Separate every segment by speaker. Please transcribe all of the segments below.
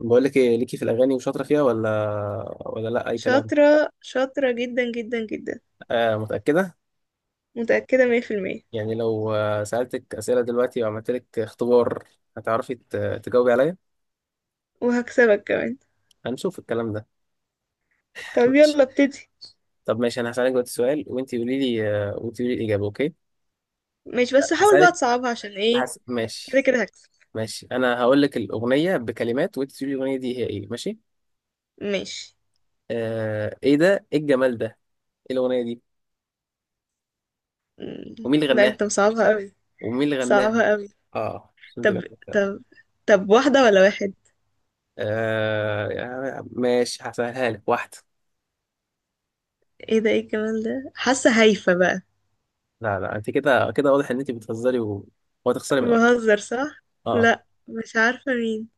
Speaker 1: بقول لك ايه، ليكي في الاغاني وشاطره فيها ولا لا، اي كلام؟
Speaker 2: شاطرة شاطرة جدا جدا جدا.
Speaker 1: آه، متاكده؟
Speaker 2: متأكدة مية في المية.
Speaker 1: يعني لو سالتك اسئله دلوقتي وعملت لك اختبار، هتعرفي تجاوبي عليا؟
Speaker 2: وهكسبك كمان.
Speaker 1: هنشوف الكلام ده.
Speaker 2: طب
Speaker 1: ماشي.
Speaker 2: يلا ابتدي.
Speaker 1: طب ماشي، انا هسالك دلوقتي سؤال وانت قولي لي وانت قولي لي الاجابه، اوكي؟
Speaker 2: ماشي، بس حاول بقى
Speaker 1: هسالك.
Speaker 2: تصعبها، عشان ايه؟ كده
Speaker 1: ماشي.
Speaker 2: كده هكسب.
Speaker 1: ماشي، انا هقول لك الاغنيه بكلمات وانت تقولي الاغنيه دي هي ايه، ماشي؟
Speaker 2: ماشي.
Speaker 1: آه ايه ده، ايه الجمال ده؟ ايه الاغنيه دي؟ ومين اللي
Speaker 2: لا،
Speaker 1: غناها؟
Speaker 2: انت مصعبها قوي.
Speaker 1: ومين اللي غناها؟
Speaker 2: صعبها قوي.
Speaker 1: اه، عشان
Speaker 2: طب
Speaker 1: تبقى.
Speaker 2: طب طب واحدة ولا واحد؟
Speaker 1: ماشي، هسهلها لك، واحدة.
Speaker 2: ايه ده، ايه الجمال ده؟ حاسة هايفة بقى.
Speaker 1: لا لا، انت كده كده واضح ان انت بتهزري وهتخسري من الاول.
Speaker 2: بهزر، صح.
Speaker 1: اه.
Speaker 2: لا، مش عارفة مين.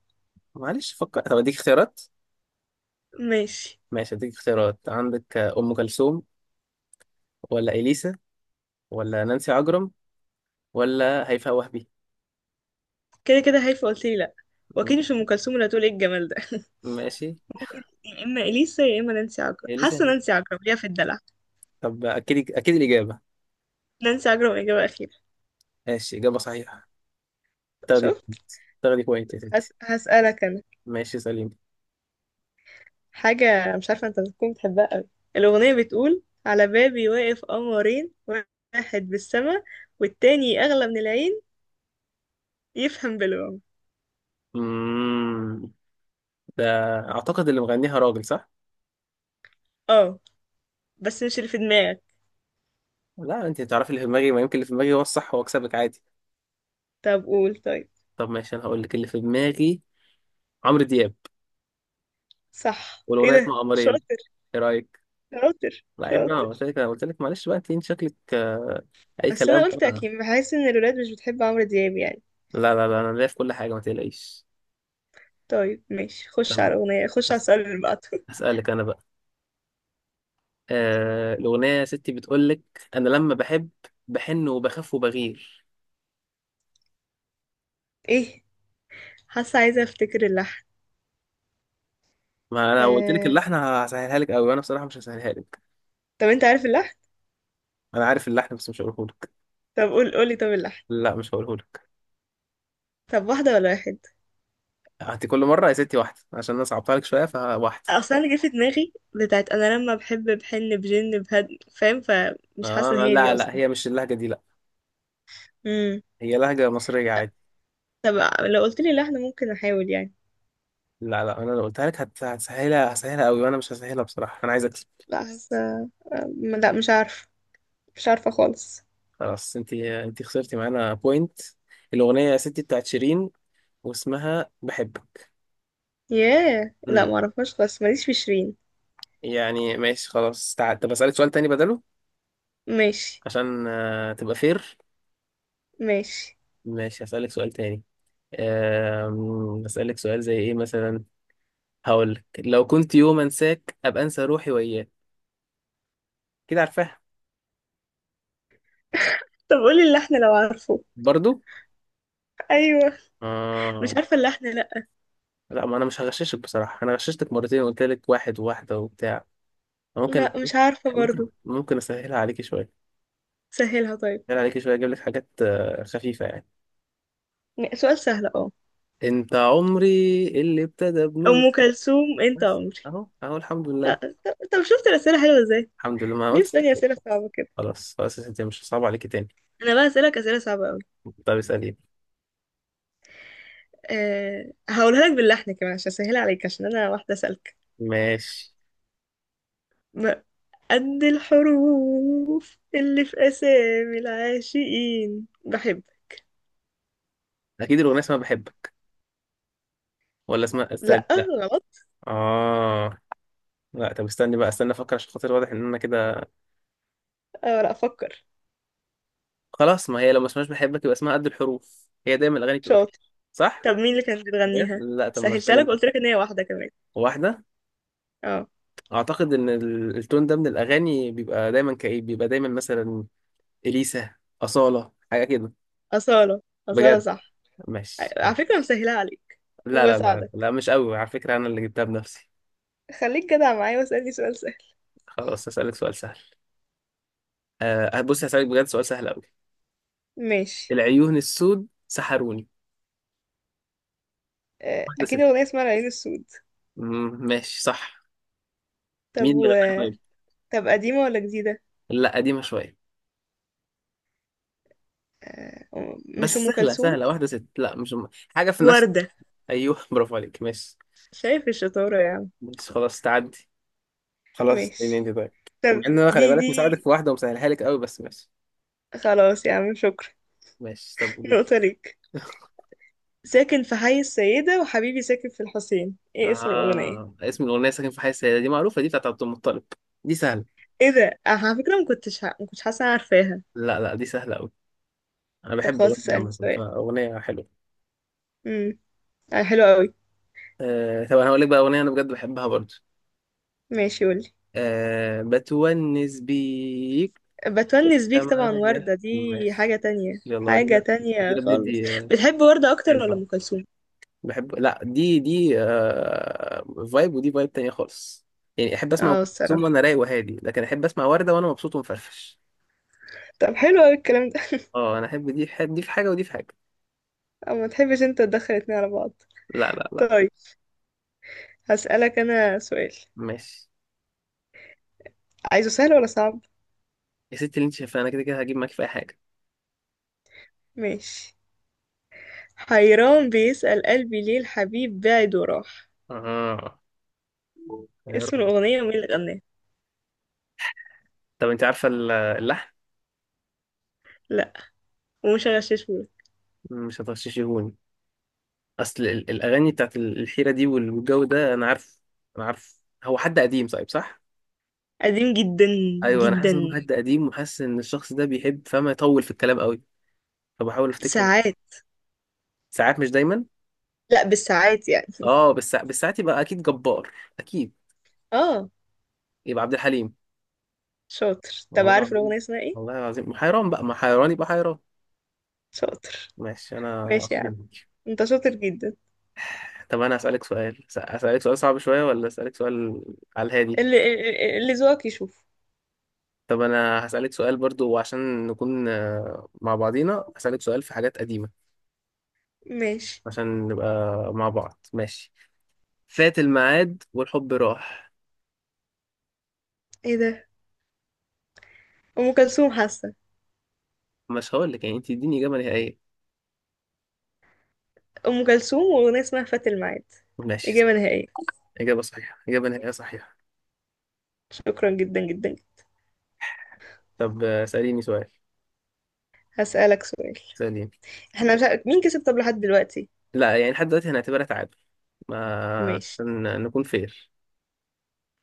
Speaker 1: معلش فكر، طب اديك اختيارات.
Speaker 2: ماشي.
Speaker 1: ماشي، اديك اختيارات، عندك ام كلثوم، ولا اليسا، ولا نانسي عجرم، ولا هيفاء وهبي.
Speaker 2: كده كده هايفة، قلتلي لا. واكيد مش
Speaker 1: م-
Speaker 2: ام كلثوم اللي هتقول ايه الجمال ده.
Speaker 1: ماشي.
Speaker 2: يا اما اليسا يا اما نانسي عجرم،
Speaker 1: اليسا؟
Speaker 2: حاسة نانسي عجرم ليها في الدلع.
Speaker 1: طب اكيد اكيد الاجابة؟
Speaker 2: نانسي عجرم، إجابة أخيرة.
Speaker 1: ماشي، اجابة صحيحة، تاخدي
Speaker 2: شوف.
Speaker 1: بوينت، تاخدي بوينت يا ستي.
Speaker 2: هسألك أنا
Speaker 1: ماشي، سليم.
Speaker 2: حاجة مش عارفة أنت بتكون بتحبها أوي. الأغنية بتقول على بابي واقف قمرين، واحد بالسما والتاني أغلى من العين، يفهم بالوم.
Speaker 1: امم ده، اعتقد اللي مغنيها راجل، صح؟
Speaker 2: اه، بس مش اللي في دماغك.
Speaker 1: لا، انت تعرفي اللي في دماغي، ما يمكن اللي في دماغي هو الصح واكسبك عادي.
Speaker 2: طب قول طيب.
Speaker 1: طب ماشي، انا هقول لك اللي في دماغي. عمرو دياب.
Speaker 2: صح، ايه
Speaker 1: والاغنيه اسمها
Speaker 2: ده، شاطر.
Speaker 1: قمرين. ايه رايك؟
Speaker 2: شاطر
Speaker 1: لا عيب بقى،
Speaker 2: شاطر.
Speaker 1: قلت لك، انا قلت لك معلش بقى، إنت شكلك، اي
Speaker 2: بس
Speaker 1: كلام
Speaker 2: أنا قلت
Speaker 1: طبعا.
Speaker 2: أكيد بحس إن الولاد مش بتحب عمرو دياب يعني.
Speaker 1: لا لا لا، انا ليا في كل حاجه، ما تقلقيش.
Speaker 2: طيب ماشي، خش على
Speaker 1: تمام.
Speaker 2: الأغنية، خش على
Speaker 1: بس،
Speaker 2: السؤال اللي بعده.
Speaker 1: اسالك انا بقى. الاغنيه يا ستي بتقول لك: انا لما بحب بحن وبخاف وبغير.
Speaker 2: ايه، حاسة عايزة أفتكر اللحن.
Speaker 1: ما انا لو قلت لك
Speaker 2: آه...
Speaker 1: اللحن هسهلها لك قوي، وانا بصراحه مش هسهلها لك.
Speaker 2: طب أنت عارف اللحن؟
Speaker 1: انا عارف اللحن بس مش هقوله لك.
Speaker 2: طب قولي طب اللحن.
Speaker 1: لا، مش هقوله لك.
Speaker 2: طب واحدة ولا واحد؟
Speaker 1: هاتي كل مره يا ستي واحده، عشان انا صعبتها لك شويه، فواحده.
Speaker 2: اصلا انا جه في دماغي بتاعت انا لما بحب بحن بجن بهد، فاهم؟ فمش حاسة ان
Speaker 1: اه
Speaker 2: هي دي
Speaker 1: لا لا،
Speaker 2: اصلا.
Speaker 1: هي مش اللهجه دي لا.
Speaker 2: امم
Speaker 1: هي لهجه مصريه عادي.
Speaker 2: طب لو قلت لي لحن ممكن احاول يعني.
Speaker 1: لا لا، انا لو قلتها لك هتسهلها، هسهلها قوي، وانا مش هسهلها بصراحه، انا عايز اكسب.
Speaker 2: لا، حاسة. لا، مش عارفة. مش عارفة خالص.
Speaker 1: خلاص، انت خسرتي معانا بوينت. الاغنيه يا ستي بتاعت شيرين، واسمها بحبك.
Speaker 2: ياه، لا،
Speaker 1: امم
Speaker 2: ما اعرفهاش خالص، ماليش في شيرين.
Speaker 1: يعني ماشي خلاص، طب اسالك سؤال تاني بدله،
Speaker 2: ماشي
Speaker 1: عشان تبقى فير.
Speaker 2: ماشي.
Speaker 1: ماشي، هسالك سؤال تاني. اسالك سؤال زي ايه مثلا؟ هقول لك: لو كنت يوم انساك ابقى انسى روحي وياك. كده عارفاها؟
Speaker 2: طب قولي اللحن لو عارفه.
Speaker 1: برضو.
Speaker 2: ايوه. مش
Speaker 1: اه.
Speaker 2: عارفة اللحن، لا.
Speaker 1: لا، ما انا مش هغششك بصراحه، انا غششتك مرتين وقلت لك واحد وواحده وبتاع. ممكن.
Speaker 2: لا، مش عارفة برضو.
Speaker 1: ممكن اسهلها عليكي شويه.
Speaker 2: سهلها طيب.
Speaker 1: اسهلها عليكي شويه، اجيب لك حاجات خفيفه يعني.
Speaker 2: سؤال سهل، اه.
Speaker 1: انت عمري اللي ابتدى بنور.
Speaker 2: ام كلثوم، انت
Speaker 1: بس
Speaker 2: عمري.
Speaker 1: اهو اهو الحمد لله.
Speaker 2: لا. طب طب، شفت الاسئله حلوه ازاي؟
Speaker 1: الحمد لله ما
Speaker 2: ليه
Speaker 1: قلت.
Speaker 2: بتسألني أسئلة صعبة كده؟
Speaker 1: خلاص خلاص، انت مش صعب عليكي تاني.
Speaker 2: أنا بقى أسألك أسئلة صعبة أوي.
Speaker 1: طب اسالي.
Speaker 2: أه، هقولها لك باللحن كمان عشان أسهل عليك، عشان أنا واحدة سالكة.
Speaker 1: ماشي،
Speaker 2: م- قد الحروف اللي في أسامي العاشقين بحب.
Speaker 1: اكيد الاغنيه اسمها بحبك، ولا اسمها استنى،
Speaker 2: لأ،
Speaker 1: لا.
Speaker 2: غلط.
Speaker 1: اه. لا طب استني بقى، استنى افكر، عشان خاطر واضح ان انا كده.
Speaker 2: أه لأ، أفكر.
Speaker 1: خلاص، ما هي لو ما اسمهاش بحبك يبقى اسمها قد الحروف، هي دايما الاغاني بتبقى كده.
Speaker 2: شاطر.
Speaker 1: صح.
Speaker 2: طب مين اللي كانت
Speaker 1: بجد؟
Speaker 2: بتغنيها؟
Speaker 1: لا طب ما
Speaker 2: سهلتها
Speaker 1: استني
Speaker 2: لك،
Speaker 1: بقى.
Speaker 2: قلت لك إن هي واحدة كمان.
Speaker 1: واحده.
Speaker 2: اه.
Speaker 1: اعتقد ان التون ده من الاغاني بيبقى دايما كئيب، بيبقى دايما مثلا اليسا، اصاله، حاجه كده.
Speaker 2: أصالة، أصالة
Speaker 1: بجد.
Speaker 2: صح.
Speaker 1: ماشي.
Speaker 2: على فكرة أنا مسهلها عليك
Speaker 1: لا لا لا
Speaker 2: وبساعدك.
Speaker 1: لا، مش قوي على فكره، انا اللي جبتها بنفسي.
Speaker 2: خليك جدع معايا واسألني سؤال سهل.
Speaker 1: خلاص، هسالك سؤال سهل. أه بص، هسالك بجد سؤال سهل قوي.
Speaker 2: ماشي.
Speaker 1: العيون السود سحروني.
Speaker 2: أه،
Speaker 1: واحده
Speaker 2: أكيد
Speaker 1: ست.
Speaker 2: أغنية اسمها العين السود.
Speaker 1: مم، ماشي صح.
Speaker 2: طب
Speaker 1: مين اللي غناها طيب؟
Speaker 2: طب قديمة ولا جديدة؟
Speaker 1: لا، قديمه شويه.
Speaker 2: مش
Speaker 1: بس
Speaker 2: أم
Speaker 1: سهله
Speaker 2: كلثوم.
Speaker 1: سهله، واحده ست لا، مش م- حاجه في نفس.
Speaker 2: وردة.
Speaker 1: ايوه، برافو عليك، ماشي.
Speaker 2: شايف الشطارة يا عم.
Speaker 1: ماشي خلاص، تعدي. خلاص، اسأليني
Speaker 2: ماشي.
Speaker 1: انت طيب. مع
Speaker 2: طب
Speaker 1: ان انا، خلي
Speaker 2: دي
Speaker 1: بالك،
Speaker 2: دي
Speaker 1: مساعدك في واحده ومسهلها لك قوي، بس ماشي.
Speaker 2: خلاص يا عم، شكرا.
Speaker 1: ماشي، طب قولي لي.
Speaker 2: نقطة ليك. ساكن في حي السيدة وحبيبي ساكن في الحسين، ايه اسم الأغنية؟
Speaker 1: اسم الأغنية ساكن في حي السيدة، دي معروفة، دي بتاعت عبد المطلب. دي سهله.
Speaker 2: ايه ده؟ أنا على فكرة ما كنتش حاسة أنا عارفاها.
Speaker 1: لا لا، دي سهلة أوي. أنا
Speaker 2: طب
Speaker 1: بحب
Speaker 2: خلاص،
Speaker 1: الأغنية دي
Speaker 2: اسألني
Speaker 1: عامة،
Speaker 2: سؤال.
Speaker 1: فأغنية حلوة.
Speaker 2: امم حلو قوي.
Speaker 1: طب أنا هقول لك بقى أغنية أنا بجد بحبها برضو.
Speaker 2: ماشي، قولي.
Speaker 1: بتونس بيك.
Speaker 2: بتونس بيك، طبعا
Speaker 1: تمام.
Speaker 2: وردة دي.
Speaker 1: ماشي.
Speaker 2: حاجة تانية،
Speaker 1: يلا
Speaker 2: حاجة
Speaker 1: دي، دي
Speaker 2: تانية خالص.
Speaker 1: بندي. آه،
Speaker 2: بتحب وردة أكتر ولا أم كلثوم؟
Speaker 1: بحب. لا دي فايب، ودي فايب تانية خالص. يعني احب اسمع ام
Speaker 2: اه
Speaker 1: كلثوم
Speaker 2: الصراحة.
Speaker 1: وانا رايق وهادي، لكن احب اسمع وردة وانا مبسوط ومفرفش.
Speaker 2: طب حلو قوي الكلام ده.
Speaker 1: اه، انا احب دي في حاجة، دي في حاجة، ودي في حاجة.
Speaker 2: أو ما تحبش انت تدخل اتنين على بعض.
Speaker 1: لا لا لا.
Speaker 2: طيب، هسألك أنا سؤال.
Speaker 1: ماشي
Speaker 2: عايزه سهل ولا صعب؟
Speaker 1: يا ستي، اللي انت شايفاه، انا كده كده هجيب معاكي في اي حاجة.
Speaker 2: ماشي. حيران بيسأل قلبي ليه الحبيب بعد وراح.
Speaker 1: اه يا
Speaker 2: اسم
Speaker 1: رب.
Speaker 2: الأغنية ومين اللي غناها؟
Speaker 1: طب انت عارفة اللحن؟
Speaker 2: لا. ومش هغششهولك.
Speaker 1: مش هتغششيهوني. اصل الاغاني بتاعت الحيرة دي والجو ده، انا عارف، انا عارف هو حد قديم، صايب صح؟
Speaker 2: قديم جدا.
Speaker 1: ايوه، انا حاسس انه
Speaker 2: جدا.
Speaker 1: حد قديم، وحاسس ان الشخص ده بيحب فما يطول في الكلام قوي. فبحاول افتكره.
Speaker 2: ساعات.
Speaker 1: ساعات مش دايما.
Speaker 2: لا، بالساعات يعني.
Speaker 1: اه، بس بالساعات يبقى اكيد جبار، اكيد.
Speaker 2: اه.
Speaker 1: يبقى عبد الحليم.
Speaker 2: شاطر. طب
Speaker 1: والله
Speaker 2: عارف
Speaker 1: العظيم،
Speaker 2: الأغنية اسمها ايه؟
Speaker 1: والله العظيم حيران بقى، ما حيران يبقى حيران.
Speaker 2: شاطر.
Speaker 1: ماشي، انا
Speaker 2: ماشي يا عم.
Speaker 1: جنبك.
Speaker 2: انت شاطر جدا.
Speaker 1: طب انا هسألك سؤال هسألك سؤال صعب شوية، ولا هسألك سؤال على الهادي؟
Speaker 2: اللي ذوقك يشوف.
Speaker 1: طب انا هسألك سؤال برضو، عشان نكون مع بعضينا، هسألك سؤال في حاجات قديمة،
Speaker 2: ماشي.
Speaker 1: عشان نبقى مع بعض ماشي. فات الميعاد والحب راح.
Speaker 2: ايه ده؟ أم كلثوم، حاسة.
Speaker 1: مش هقول لك يعني، انت اديني إجابة نهائية.
Speaker 2: أم كلثوم، وأغنية اسمها فات الميعاد.
Speaker 1: ماشي.
Speaker 2: إجابة نهائية.
Speaker 1: إجابة صحيحة، إجابة نهائية صحيحة.
Speaker 2: شكرا جدا جدا.
Speaker 1: طب اسأليني سؤال.
Speaker 2: هسألك سؤال.
Speaker 1: سليم.
Speaker 2: احنا مش عارف مين كسب طب لحد دلوقتي.
Speaker 1: لا يعني، لحد دلوقتي هنعتبرها تعادل، ما
Speaker 2: ماشي
Speaker 1: عشان نكون فير.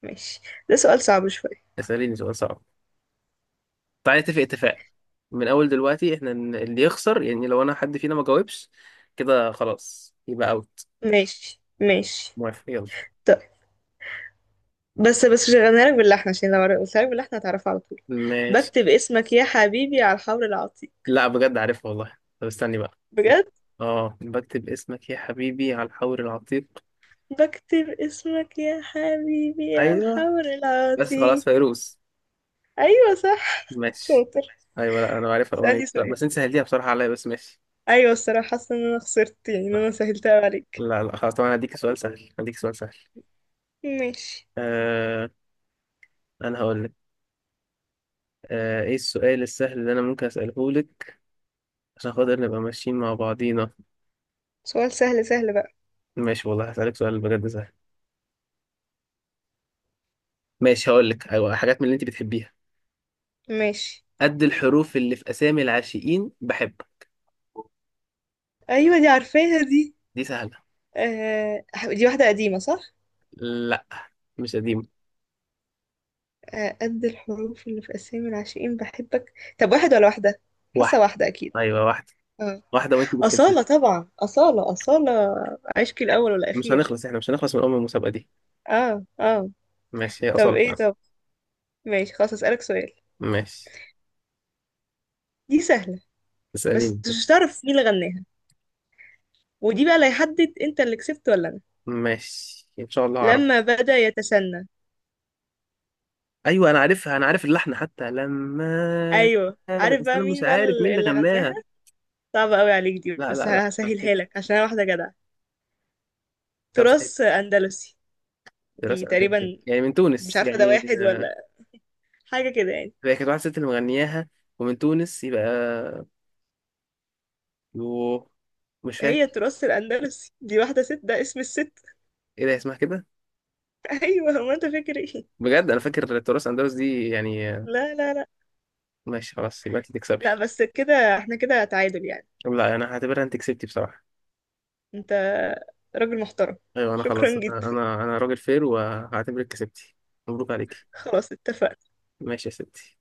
Speaker 2: ماشي. ده سؤال صعب شوية.
Speaker 1: اسأليني سؤال صعب. تعالى نتفق اتفاق، من اول دلوقتي احنا اللي يخسر، يعني لو انا حد فينا ما جاوبش، كده خلاص يبقى اوت.
Speaker 2: ماشي ماشي.
Speaker 1: موافق، يلا.
Speaker 2: طيب. بس مش هغنيها لك باللحن، عشان لو قلتها لك باللحن هتعرفها على طول.
Speaker 1: ماشي.
Speaker 2: بكتب اسمك يا حبيبي على الحور العتيق.
Speaker 1: لا بجد، عارفها والله، طب استني بقى.
Speaker 2: بجد.
Speaker 1: اه، بكتب اسمك يا حبيبي على الحور العتيق.
Speaker 2: بكتب اسمك يا حبيبي على
Speaker 1: ايوه.
Speaker 2: الحور
Speaker 1: بس خلاص،
Speaker 2: العتيق.
Speaker 1: فيروز.
Speaker 2: ايوه صح.
Speaker 1: ماشي.
Speaker 2: شاطر.
Speaker 1: ايوه لا، انا عارفها الاغنيه
Speaker 2: اسألني
Speaker 1: دي. لا،
Speaker 2: سؤال.
Speaker 1: بس انت سهلتيها بصراحه عليا، بس ماشي.
Speaker 2: ايوه الصراحة، حاسة ان انا خسرت، يعني ان انا سهلتها عليك.
Speaker 1: لا لا خلاص، طبعا هديك سؤال سهل، هديك سؤال سهل.
Speaker 2: ماشي.
Speaker 1: آه انا هقول لك. ايه السؤال السهل اللي انا ممكن اساله لك عشان خاطر نبقى ماشيين مع بعضينا؟
Speaker 2: سؤال سهل، سهل بقى.
Speaker 1: ماشي والله، هسالك سؤال بجد سهل. ماشي، هقول لك ايوه حاجات من اللي انت بتحبيها.
Speaker 2: ماشي.
Speaker 1: قد الحروف اللي في اسامي العاشقين بحب.
Speaker 2: ايوه دي عارفاها دي.
Speaker 1: دي سهله.
Speaker 2: آه، دي واحدة قديمة صح؟
Speaker 1: لا مش قديمه.
Speaker 2: آه، قد الحروف اللي في أسامي العاشقين بحبك. طب واحد ولا واحدة؟ حاسة
Speaker 1: واحده.
Speaker 2: واحدة أكيد.
Speaker 1: ايوه واحده.
Speaker 2: اه.
Speaker 1: واحده، وانت بتحبيها.
Speaker 2: أصالة، طبعا أصالة أصالة. عشقي الأول
Speaker 1: مش
Speaker 2: والأخير.
Speaker 1: هنخلص، احنا مش هنخلص من ام المسابقه دي.
Speaker 2: اه اه.
Speaker 1: ماشي، هي
Speaker 2: طب
Speaker 1: اصلا
Speaker 2: ايه،
Speaker 1: فعلا.
Speaker 2: طب ماشي، خلاص أسألك سؤال.
Speaker 1: ماشي،
Speaker 2: دي سهلة، بس
Speaker 1: اساليني.
Speaker 2: مش هتعرف مين اللي غناها. ودي بقى اللي هيحدد انت اللي كسبت ولا انا.
Speaker 1: ماشي، ان شاء الله اعرف.
Speaker 2: لما بدأ يتسنى.
Speaker 1: ايوه انا عارفها، انا عارف اللحن حتى لما.
Speaker 2: ايوه،
Speaker 1: هذا،
Speaker 2: عارف
Speaker 1: بس
Speaker 2: بقى
Speaker 1: انا مش
Speaker 2: مين بقى
Speaker 1: عارف مين اللي
Speaker 2: اللي
Speaker 1: غناها.
Speaker 2: غناها. صعبة قوي عليك دي،
Speaker 1: لا
Speaker 2: بس
Speaker 1: لا لا لا، افتكر.
Speaker 2: هسهلها لك عشان انا واحدة جدعة.
Speaker 1: طب صحيح،
Speaker 2: تراث أندلسي. دي
Speaker 1: دراسة أمريكية
Speaker 2: تقريبا.
Speaker 1: يعني من
Speaker 2: مش
Speaker 1: تونس،
Speaker 2: عارفة، ده
Speaker 1: يعني
Speaker 2: واحد ولا حاجة كده يعني.
Speaker 1: هي كانت واحدة ست اللي مغنياها، ومن تونس يبقى. يوه، مش
Speaker 2: هي
Speaker 1: فاكر.
Speaker 2: التراث الأندلسي دي، واحدة ست ده اسم الست.
Speaker 1: ايه ده، اسمها كده.
Speaker 2: أيوة، هو أنت فاكر إيه؟
Speaker 1: بجد، انا فاكر تراث اندلس دي يعني
Speaker 2: لا لا لا.
Speaker 1: ماشي خلاص، يبقى انت تكسبي.
Speaker 2: لا، بس كده احنا كده تعادل يعني.
Speaker 1: طب لا، انا هعتبرها انت كسبتي بصراحة.
Speaker 2: أنت راجل محترم.
Speaker 1: ايوه انا خلاص،
Speaker 2: شكرا
Speaker 1: انا
Speaker 2: جدا.
Speaker 1: انا أنا راجل فير، وهعتبرك كسبتي. مبروك عليكي.
Speaker 2: خلاص اتفقنا.
Speaker 1: ماشي يا ستي.